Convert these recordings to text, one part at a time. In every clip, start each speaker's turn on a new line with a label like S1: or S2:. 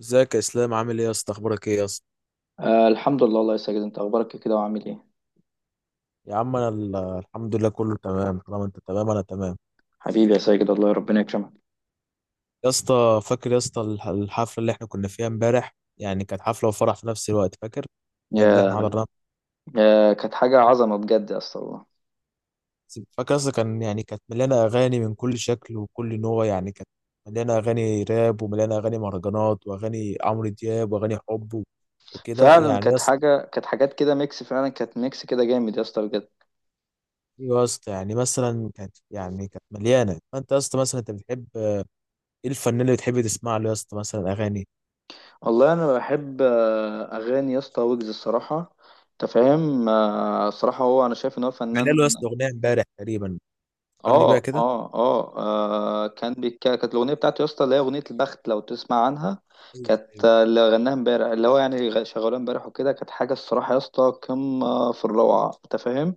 S1: ازيك يا اسلام؟ عامل ايه يا اسطى؟ اخبارك ايه يا اسطى؟
S2: آه، الحمد لله والله يا ساجد، انت اخبارك إيه كده وعامل ايه؟
S1: يا عم، انا الحمد لله كله تمام. طالما انت تمام انا تمام.
S2: حبيبي يا ساجد، الله ربنا يكرمك.
S1: يا اسطى، فاكر يا اسطى الحفله اللي احنا كنا فيها امبارح؟ يعني كانت حفله وفرح في نفس الوقت، فاكر؟ يعني اللي احنا
S2: يا
S1: حضرناها.
S2: يا كانت حاجه عظمه بجد يا اسطى والله.
S1: فاكر يا اسطى؟ كانت مليانه اغاني من كل شكل وكل نوع، يعني كانت مليانه اغاني راب، ومليانه اغاني مهرجانات، واغاني عمرو دياب، واغاني حب وكده
S2: فعلا
S1: يعني يا اسطى.
S2: كانت حاجات كده ميكس، فعلا كانت ميكس كده جامد يا اسطى بجد.
S1: أيوة يا اسطى. يعني مثلا كانت مليانه. فانت يا اسطى مثلا انت بتحب ايه الفنان اللي بتحب تسمع له يا اسطى؟ مثلا اغاني
S2: والله انا بحب اغاني يا اسطى ويجز الصراحه. انت فاهم، الصراحه هو انا شايف ان هو
S1: عامل له يا اسطى
S2: فنان.
S1: اغنيه امبارح تقريبا، فكرني بيها كده.
S2: كانت الاغنيه بتاعته يا اسطى، اللي هي اغنيه البخت، لو تسمع عنها.
S1: ايوه،
S2: كانت،
S1: ايوه.
S2: اللي غناها امبارح، اللي هو يعني شغالها امبارح وكده، كانت حاجه الصراحه يا اسطى قمه في الروعه، انت فاهم.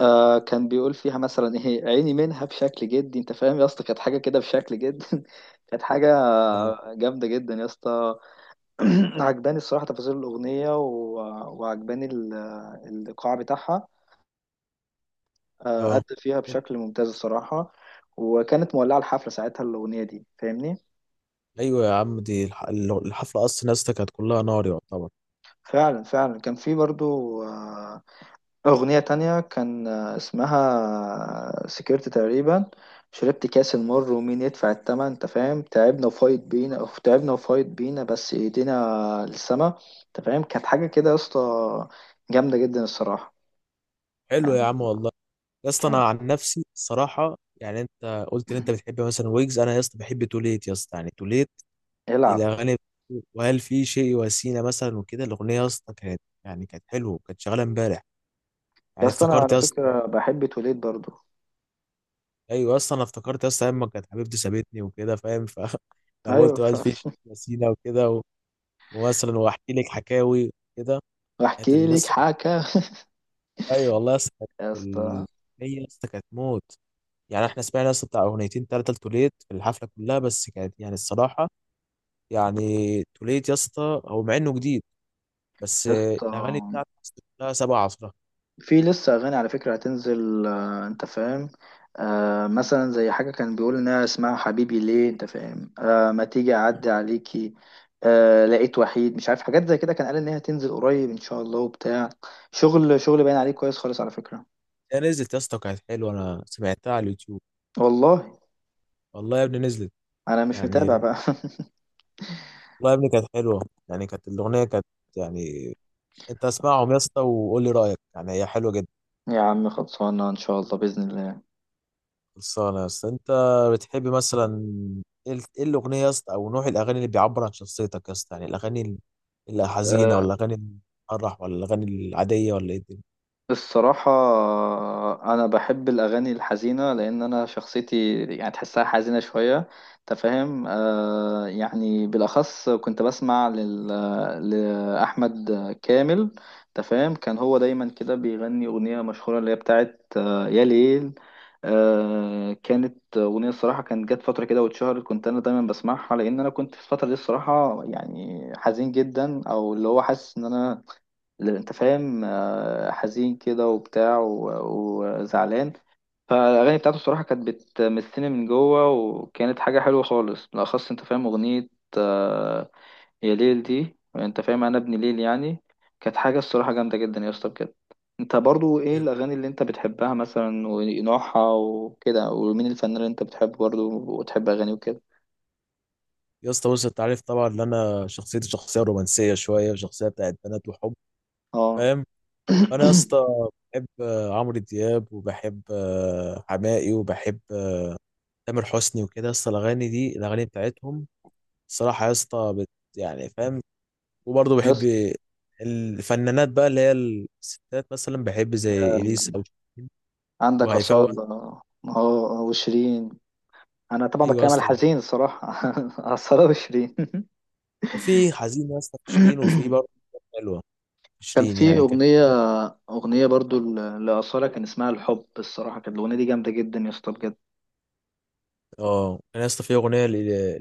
S2: آه كان بيقول فيها مثلا ايه عيني منها بشكل جدي، انت فاهم يا اسطى، كانت حاجه كده بشكل جدي. كانت حاجه
S1: أيوة.
S2: جامده جدا يا اسطى. عجباني الصراحه تفاصيل الاغنيه، وعجباني الايقاع بتاعها.
S1: اه،
S2: أدى فيها بشكل ممتاز الصراحة، وكانت مولعة الحفلة ساعتها الأغنية دي، فاهمني.
S1: ايوه يا عم، دي الحفله اصلا يا اسطى كانت كلها نار يعتبر.
S2: فعلا فعلا، كان في برضو أغنية تانية، كان اسمها سكرت تقريبا. شربت كاس المر ومين يدفع التمن، انت فاهم. تعبنا وفايت بينا، أو تعبنا وفايت بينا بس ايدينا للسما، انت فاهم. كانت حاجة كده يا اسطى، جامدة جدا الصراحة
S1: حلو يا
S2: يعني.
S1: عم، والله. يا اسطى،
S2: كان
S1: انا عن نفسي الصراحه، يعني انت قلت ان انت بتحب مثلا ويجز، انا يا اسطى بحب توليت يا اسطى. يعني توليت
S2: يلعب.
S1: الاغاني بتاعته، وهل في شيء وسيله مثلا وكده. الاغنيه يا اسطى كانت حلوه، كانت شغاله امبارح.
S2: يا
S1: يعني
S2: اسطى انا
S1: افتكرت
S2: على
S1: يا اسطى.
S2: فكرة بحب توليد برضو.
S1: ايوه، اصلا انا افتكرت يا اسطى ايام ما كانت حبيبتي سابتني وكده، فاهم؟ ف انا
S2: ايوه
S1: قلت بقى في شيء وسيله وكده، ومثلا واحكي لك حكاوي كده. كانت
S2: واحكي
S1: اللي
S2: لك
S1: لسه، ايوه والله يا اسطى كانت
S2: يا اسطى،
S1: ال- هي يا اسطى كانت موت. يعني احنا سمعنا يا اسطى بتاع اغنيتين 3 لتوليت في الحفله كلها، بس كانت يعني الصراحه، يعني توليت يا اسطى هو مع انه جديد، بس
S2: يا اسطى
S1: الاغاني بتاعته يا اسطى كلها 17.
S2: في لسه اغاني على فكره هتنزل، انت فاهم. مثلا زي حاجه كان بيقول انها اسمها حبيبي ليه، انت فاهم، ما تيجي اعدي عليكي، لقيت وحيد، مش عارف، حاجات زي كده، كان قال ان هي هتنزل قريب ان شاء الله وبتاع. شغل شغل باين عليه كويس خالص على فكره.
S1: هي نزلت يا اسطى وكانت حلوه، انا سمعتها على اليوتيوب.
S2: والله
S1: والله يا ابني نزلت.
S2: انا مش
S1: يعني
S2: متابع
S1: والله
S2: بقى.
S1: يا ابني كانت حلوه. يعني كانت الاغنيه كانت، يعني انت اسمعهم يا اسطى وقول لي رايك، يعني هي حلوه جدا.
S2: يا عم خلصانه ان شاء الله باذن
S1: خلصانة يا اسطى. انت بتحب مثلا ايه ايه الاغنية يا اسطى، او نوع الاغاني اللي بيعبر عن شخصيتك يا اسطى؟ يعني الاغاني الحزينة،
S2: الله.
S1: ولا الاغاني الفرح، ولا الاغاني العادية، ولا ايه الدنيا؟
S2: الصراحة أنا بحب الأغاني الحزينة، لأن أنا شخصيتي يعني تحسها حزينة شوية، أنت فاهم، يعني بالأخص كنت بسمع لأحمد كامل. أنت فاهم، كان هو دايما كده بيغني أغنية مشهورة، اللي هي بتاعت آه يا ليل. آه كانت أغنية الصراحة، كانت جت فترة كده واتشهرت، كنت أنا دايما بسمعها، لأن أنا كنت في الفترة دي الصراحة يعني حزين جدا، أو اللي هو حاسس إن أنا اللي انت فاهم، حزين كده وبتاع وزعلان. فالاغاني بتاعته الصراحه كانت بتمسني من جوه، وكانت حاجه حلوه خالص، بالاخص انت فاهم اغنيه آه، يا ليل دي، انت فاهم انا ابن ليل يعني. كانت حاجه الصراحه جامده جدا يا اسطى بجد. انت برضو ايه
S1: ايوه
S2: الاغاني اللي انت بتحبها مثلا، ونوعها وكده، ومين الفنان اللي انت بتحبه برضو وتحب اغانيه وكده؟
S1: يا اسطى. بص، انت عارف طبعا ان انا شخصيتي شخصية رومانسية شوية، وشخصية بتاعت بنات وحب،
S2: اه.
S1: فاهم؟ فانا يا اسطى بحب عمرو دياب، وبحب حماقي، وبحب تامر حسني وكده يا اسطى. الاغاني دي الاغاني بتاعتهم الصراحة يا اسطى بت، يعني فاهم؟ وبرضه بحب
S2: يس،
S1: الفنانات بقى، اللي هي الستات مثلا. بحب زي
S2: يا-
S1: اليسا، او شيرين،
S2: عندك
S1: وهيفاء وهبي.
S2: اصاله. اه وشيرين. انا طبعا
S1: ايوه
S2: بتكلم على
S1: اصلا.
S2: الحزين الصراحه. على الصلاه وشيرين.
S1: وفي حزين يا اسطى في شيرين، وفي برضه حلوه. في
S2: كان
S1: شيرين
S2: في
S1: يعني كانت.
S2: اغنيه برضو لاصاله كان اسمها الحب، الصراحه كانت الاغنيه دي جامده جدا يا اسطى بجد.
S1: اه، انا يا اسطى في اغنيه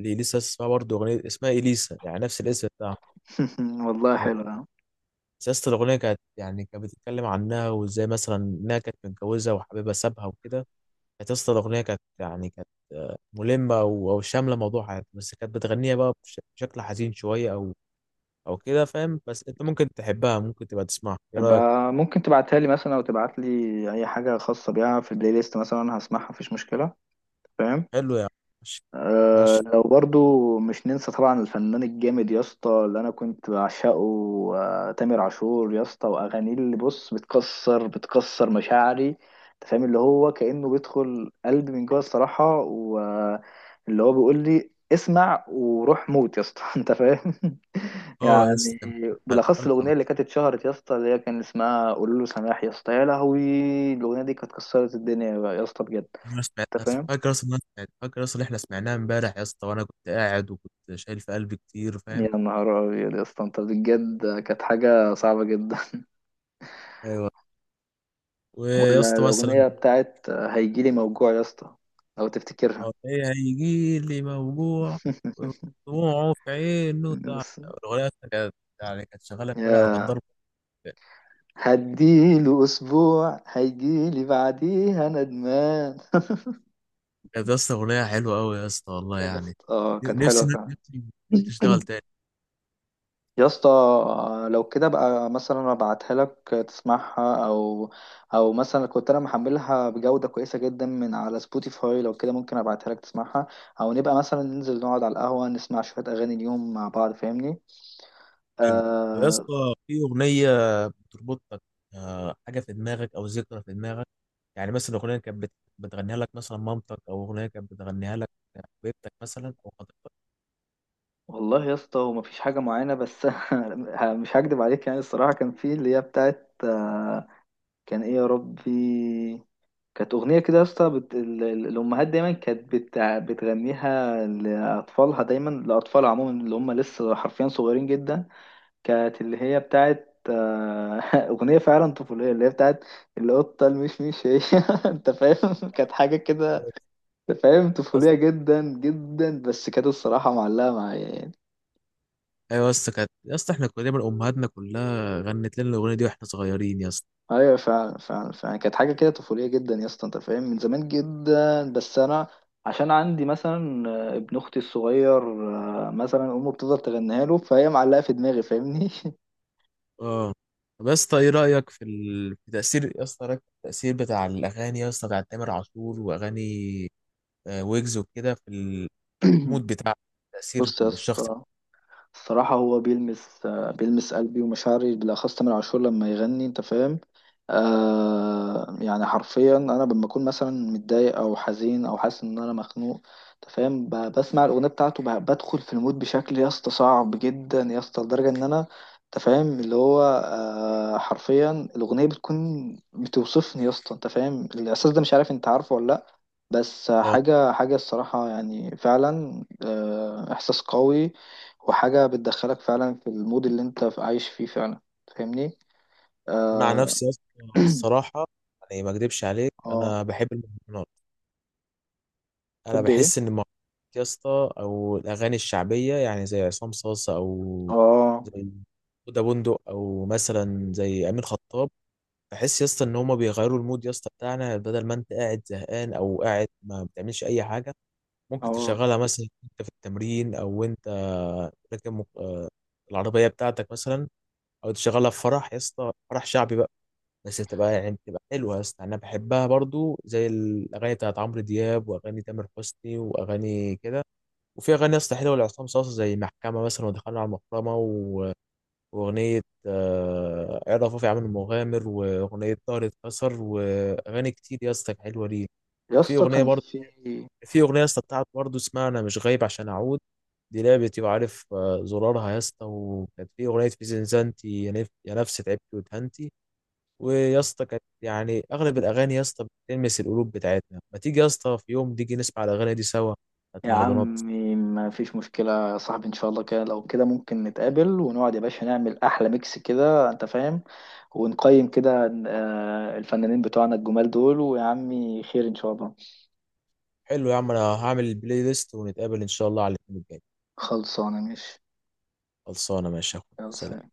S1: لاليسا اسمها برضه اغنيه اسمها اليسا، يعني نفس الاسم بتاعها.
S2: والله
S1: أنا-
S2: حلوه.
S1: بس يا اسطى الاغنيه كانت يعني كانت بتتكلم عنها، وازاي مثلا انها كانت متجوزه وحبيبها سابها وكده. كانت يا اسطى الاغنيه كانت ملمه او شامله موضوع حياتها، بس كانت بتغنيها بقى بشكل حزين شويه، او او كده، فاهم؟ بس انت ممكن تحبها، ممكن تبقى تسمعها. ايه رايك؟
S2: يبقى ممكن تبعتها لي مثلا، او تبعت لي اي حاجه خاصه بيها في البلاي ليست مثلا، انا هسمعها مفيش مشكله، فاهم؟
S1: حلو يا عم. ماشي.
S2: أه،
S1: ماشي.
S2: لو برضو مش ننسى طبعا الفنان الجامد يا اسطى اللي انا كنت بعشقه، أه تامر عاشور يا اسطى، واغانيه اللي بص بتكسر مشاعري، انت فاهم، اللي هو كانه بيدخل قلبي من جوه الصراحه، واللي هو بيقول لي اسمع وروح موت يا اسطى، انت فاهم
S1: اه يا اسطى
S2: يعني.
S1: كان. على
S2: بالاخص
S1: القلب على
S2: الاغنيه
S1: طول.
S2: اللي كانت اتشهرت يا اسطى، اللي هي كان اسمها قولوا له سماح يا اسطى، يا لهوي. الاغنيه دي كانت كسرت الدنيا يا اسطى بجد،
S1: انا
S2: انت
S1: سمعتها.
S2: فاهم
S1: فاكر اصلا إن احنا سمعناها امبارح يا اسطى، وانا كنت قاعد وكنت شايل في قلبي كتير، فاهم؟
S2: يا نهار أبيض يا اسطى، أنت بجد كانت حاجة صعبة جدا.
S1: ايوه. ويا
S2: ولا
S1: اسطى مثلا.
S2: الأغنية بتاعت هيجيلي موجوع يا اسطى، لو تفتكرها.
S1: اه، ايه هيجي لي موجوع؟ دموعه في عينه.
S2: بص،
S1: الاغنيه أصلاً كانت، يعني كانت شغاله امبارح وكانت
S2: يا
S1: ضرب.
S2: هديله أسبوع هيجيلي بعديها ندمان.
S1: كانت يا اسطى اغنيه حلوه قوي يا اسطى، والله
S2: يا
S1: يعني.
S2: اسطى كانت حلوة
S1: نفسي،
S2: فعلا.
S1: نفسي تشتغل تاني.
S2: يا اسطى لو كده بقى مثلا ابعتها لك تسمعها، او، مثلا كنت انا محملها بجودة كويسة جدا من على سبوتيفاي، لو كده ممكن ابعتها لك تسمعها، او نبقى مثلا ننزل نقعد على القهوة نسمع شوية اغاني اليوم مع بعض، فاهمني؟
S1: حلو. طب يا
S2: آه.
S1: اسطى، في اغنيه بتربطك حاجه في دماغك، او ذكرى في دماغك؟ يعني مثلا اغنيه كانت بتغنيها لك مثلا مامتك، او اغنيه كانت بتغنيها لك حبيبتك مثلا، او خطيبتك؟
S2: والله يا اسطى هو مفيش حاجة معينة، بس مش هكدب عليك يعني الصراحة، كان في اللي هي بتاعت كان ايه يا ربي، كانت أغنية كده يا اسطى، الأمهات دايما كانت بتغنيها لأطفالها، دايما لأطفال عموما اللي هم لسه حرفيا صغيرين جدا. كانت اللي هي بتاعت أغنية فعلا طفولية، اللي هي بتاعت القطة المشمش هي، أنت فاهم كانت حاجة كده، فاهم،
S1: يا
S2: طفولية
S1: اسطى-
S2: جدا جدا، بس كانت الصراحة معلقة معايا يعني.
S1: ايوه يا اسطى، كانت يا اسطى احنا كنا دايما امهاتنا كلها غنت لنا الاغنيه دي واحنا صغيرين يا اسطى.
S2: ايوه، فعلا فعلا فعلا كانت حاجه كده طفوليه جدا يا اسطى، انت فاهم، من زمان جدا بس انا عشان عندي مثلا ابن اختي الصغير، مثلا امه بتفضل تغنيها له، فهي معلقه في دماغي فاهمني.
S1: اه. طب يا اسطى، ايه رايك في تاثير يا اسطى، رأيك في التاثير بتاع الاغاني يا اسطى بتاع تامر عاشور، واغاني ويجز وكده، في المود، بتاع تاثير
S2: بص يا
S1: الشخص؟
S2: اسطى، الصراحة هو بيلمس، بيلمس قلبي ومشاعري، بالأخص تامر عاشور لما يغني، أنت فاهم، يعني حرفيا أنا لما أكون مثلا متضايق أو حزين أو حاسس إن أنا مخنوق، أنت فاهم، بسمع الأغنية بتاعته، بدخل في المود بشكل يا اسطى صعب جدا يا اسطى، لدرجة إن أنا أنت فاهم، اللي هو حرفيا الأغنية بتكون بتوصفني يا اسطى. أنت فاهم الإحساس ده، مش عارف أنت عارفه ولا لأ، بس
S1: آه.
S2: حاجة حاجة الصراحة يعني فعلا إحساس قوي، وحاجة بتدخلك فعلا في المود اللي انت عايش فيه فعلا، فاهمني؟
S1: انا عن
S2: اه.
S1: نفسي يا اسطى، الصراحه، يعني ما اكدبش عليك،
S2: اه
S1: انا بحب المهرجانات. انا
S2: تحب ايه؟
S1: بحس ان المهرجانات يا اسطى، او الاغاني الشعبيه، يعني زي عصام صاصه، او
S2: اه
S1: زي هدى بندق، او مثلا زي امين خطاب، بحس يا اسطى ان هما بيغيروا المود يا اسطى بتاعنا، بدل ما انت قاعد زهقان او قاعد ما بتعملش اي حاجه. ممكن
S2: اه
S1: تشغلها مثلا انت في التمرين، او انت راكب العربيه بتاعتك مثلا، او تشغلها في فرح يا اسطى، فرح شعبي بقى. بس بتبقى حلوه يا اسطى، انا بحبها برضو، زي الاغاني بتاعت عمرو دياب، واغاني تامر حسني، واغاني كده. وفي اغاني يا اسطى حلوه لعصام صاصا، زي محكمه مثلا، ودخلنا على المحرمه واغنيه عرف رفيع عامل المغامر، واغنيه ظهري اتكسر، واغاني كتير يا اسطى حلوه ليه.
S2: يا
S1: وفي
S2: اسطى
S1: اغنيه
S2: كان
S1: برضو،
S2: في.
S1: في اغنيه يا اسطى بتاعت برضو اسمها انا مش غايب عشان اعود، دي لعبتي وعارف زرارها يا اسطى، وكانت في اغنيه في زنزانتي يا يا نفس تعبتي ودهنتي. ويا اسطى كانت يعني اغلب الاغاني يا اسطى بتلمس القلوب بتاعتنا. ما تيجي يا اسطى في يوم تيجي نسمع الاغاني دي سوا، بتاعت
S2: يا
S1: المهرجانات.
S2: عمي ما فيش مشكلة يا صاحبي، ان شاء الله كده، لو كده ممكن نتقابل ونقعد يا باشا، نعمل احلى ميكس كده، انت فاهم، ونقيم كده الفنانين بتوعنا الجمال دول، ويا عمي خير ان شاء الله.
S1: حلو يا عم، انا هعمل البلاي ليست ونتقابل ان شاء الله على الاثنين الجاي.
S2: خلصانة ماشي.
S1: خلصانه، ماشي يا اخويا.
S2: يلا سلام.
S1: سلام.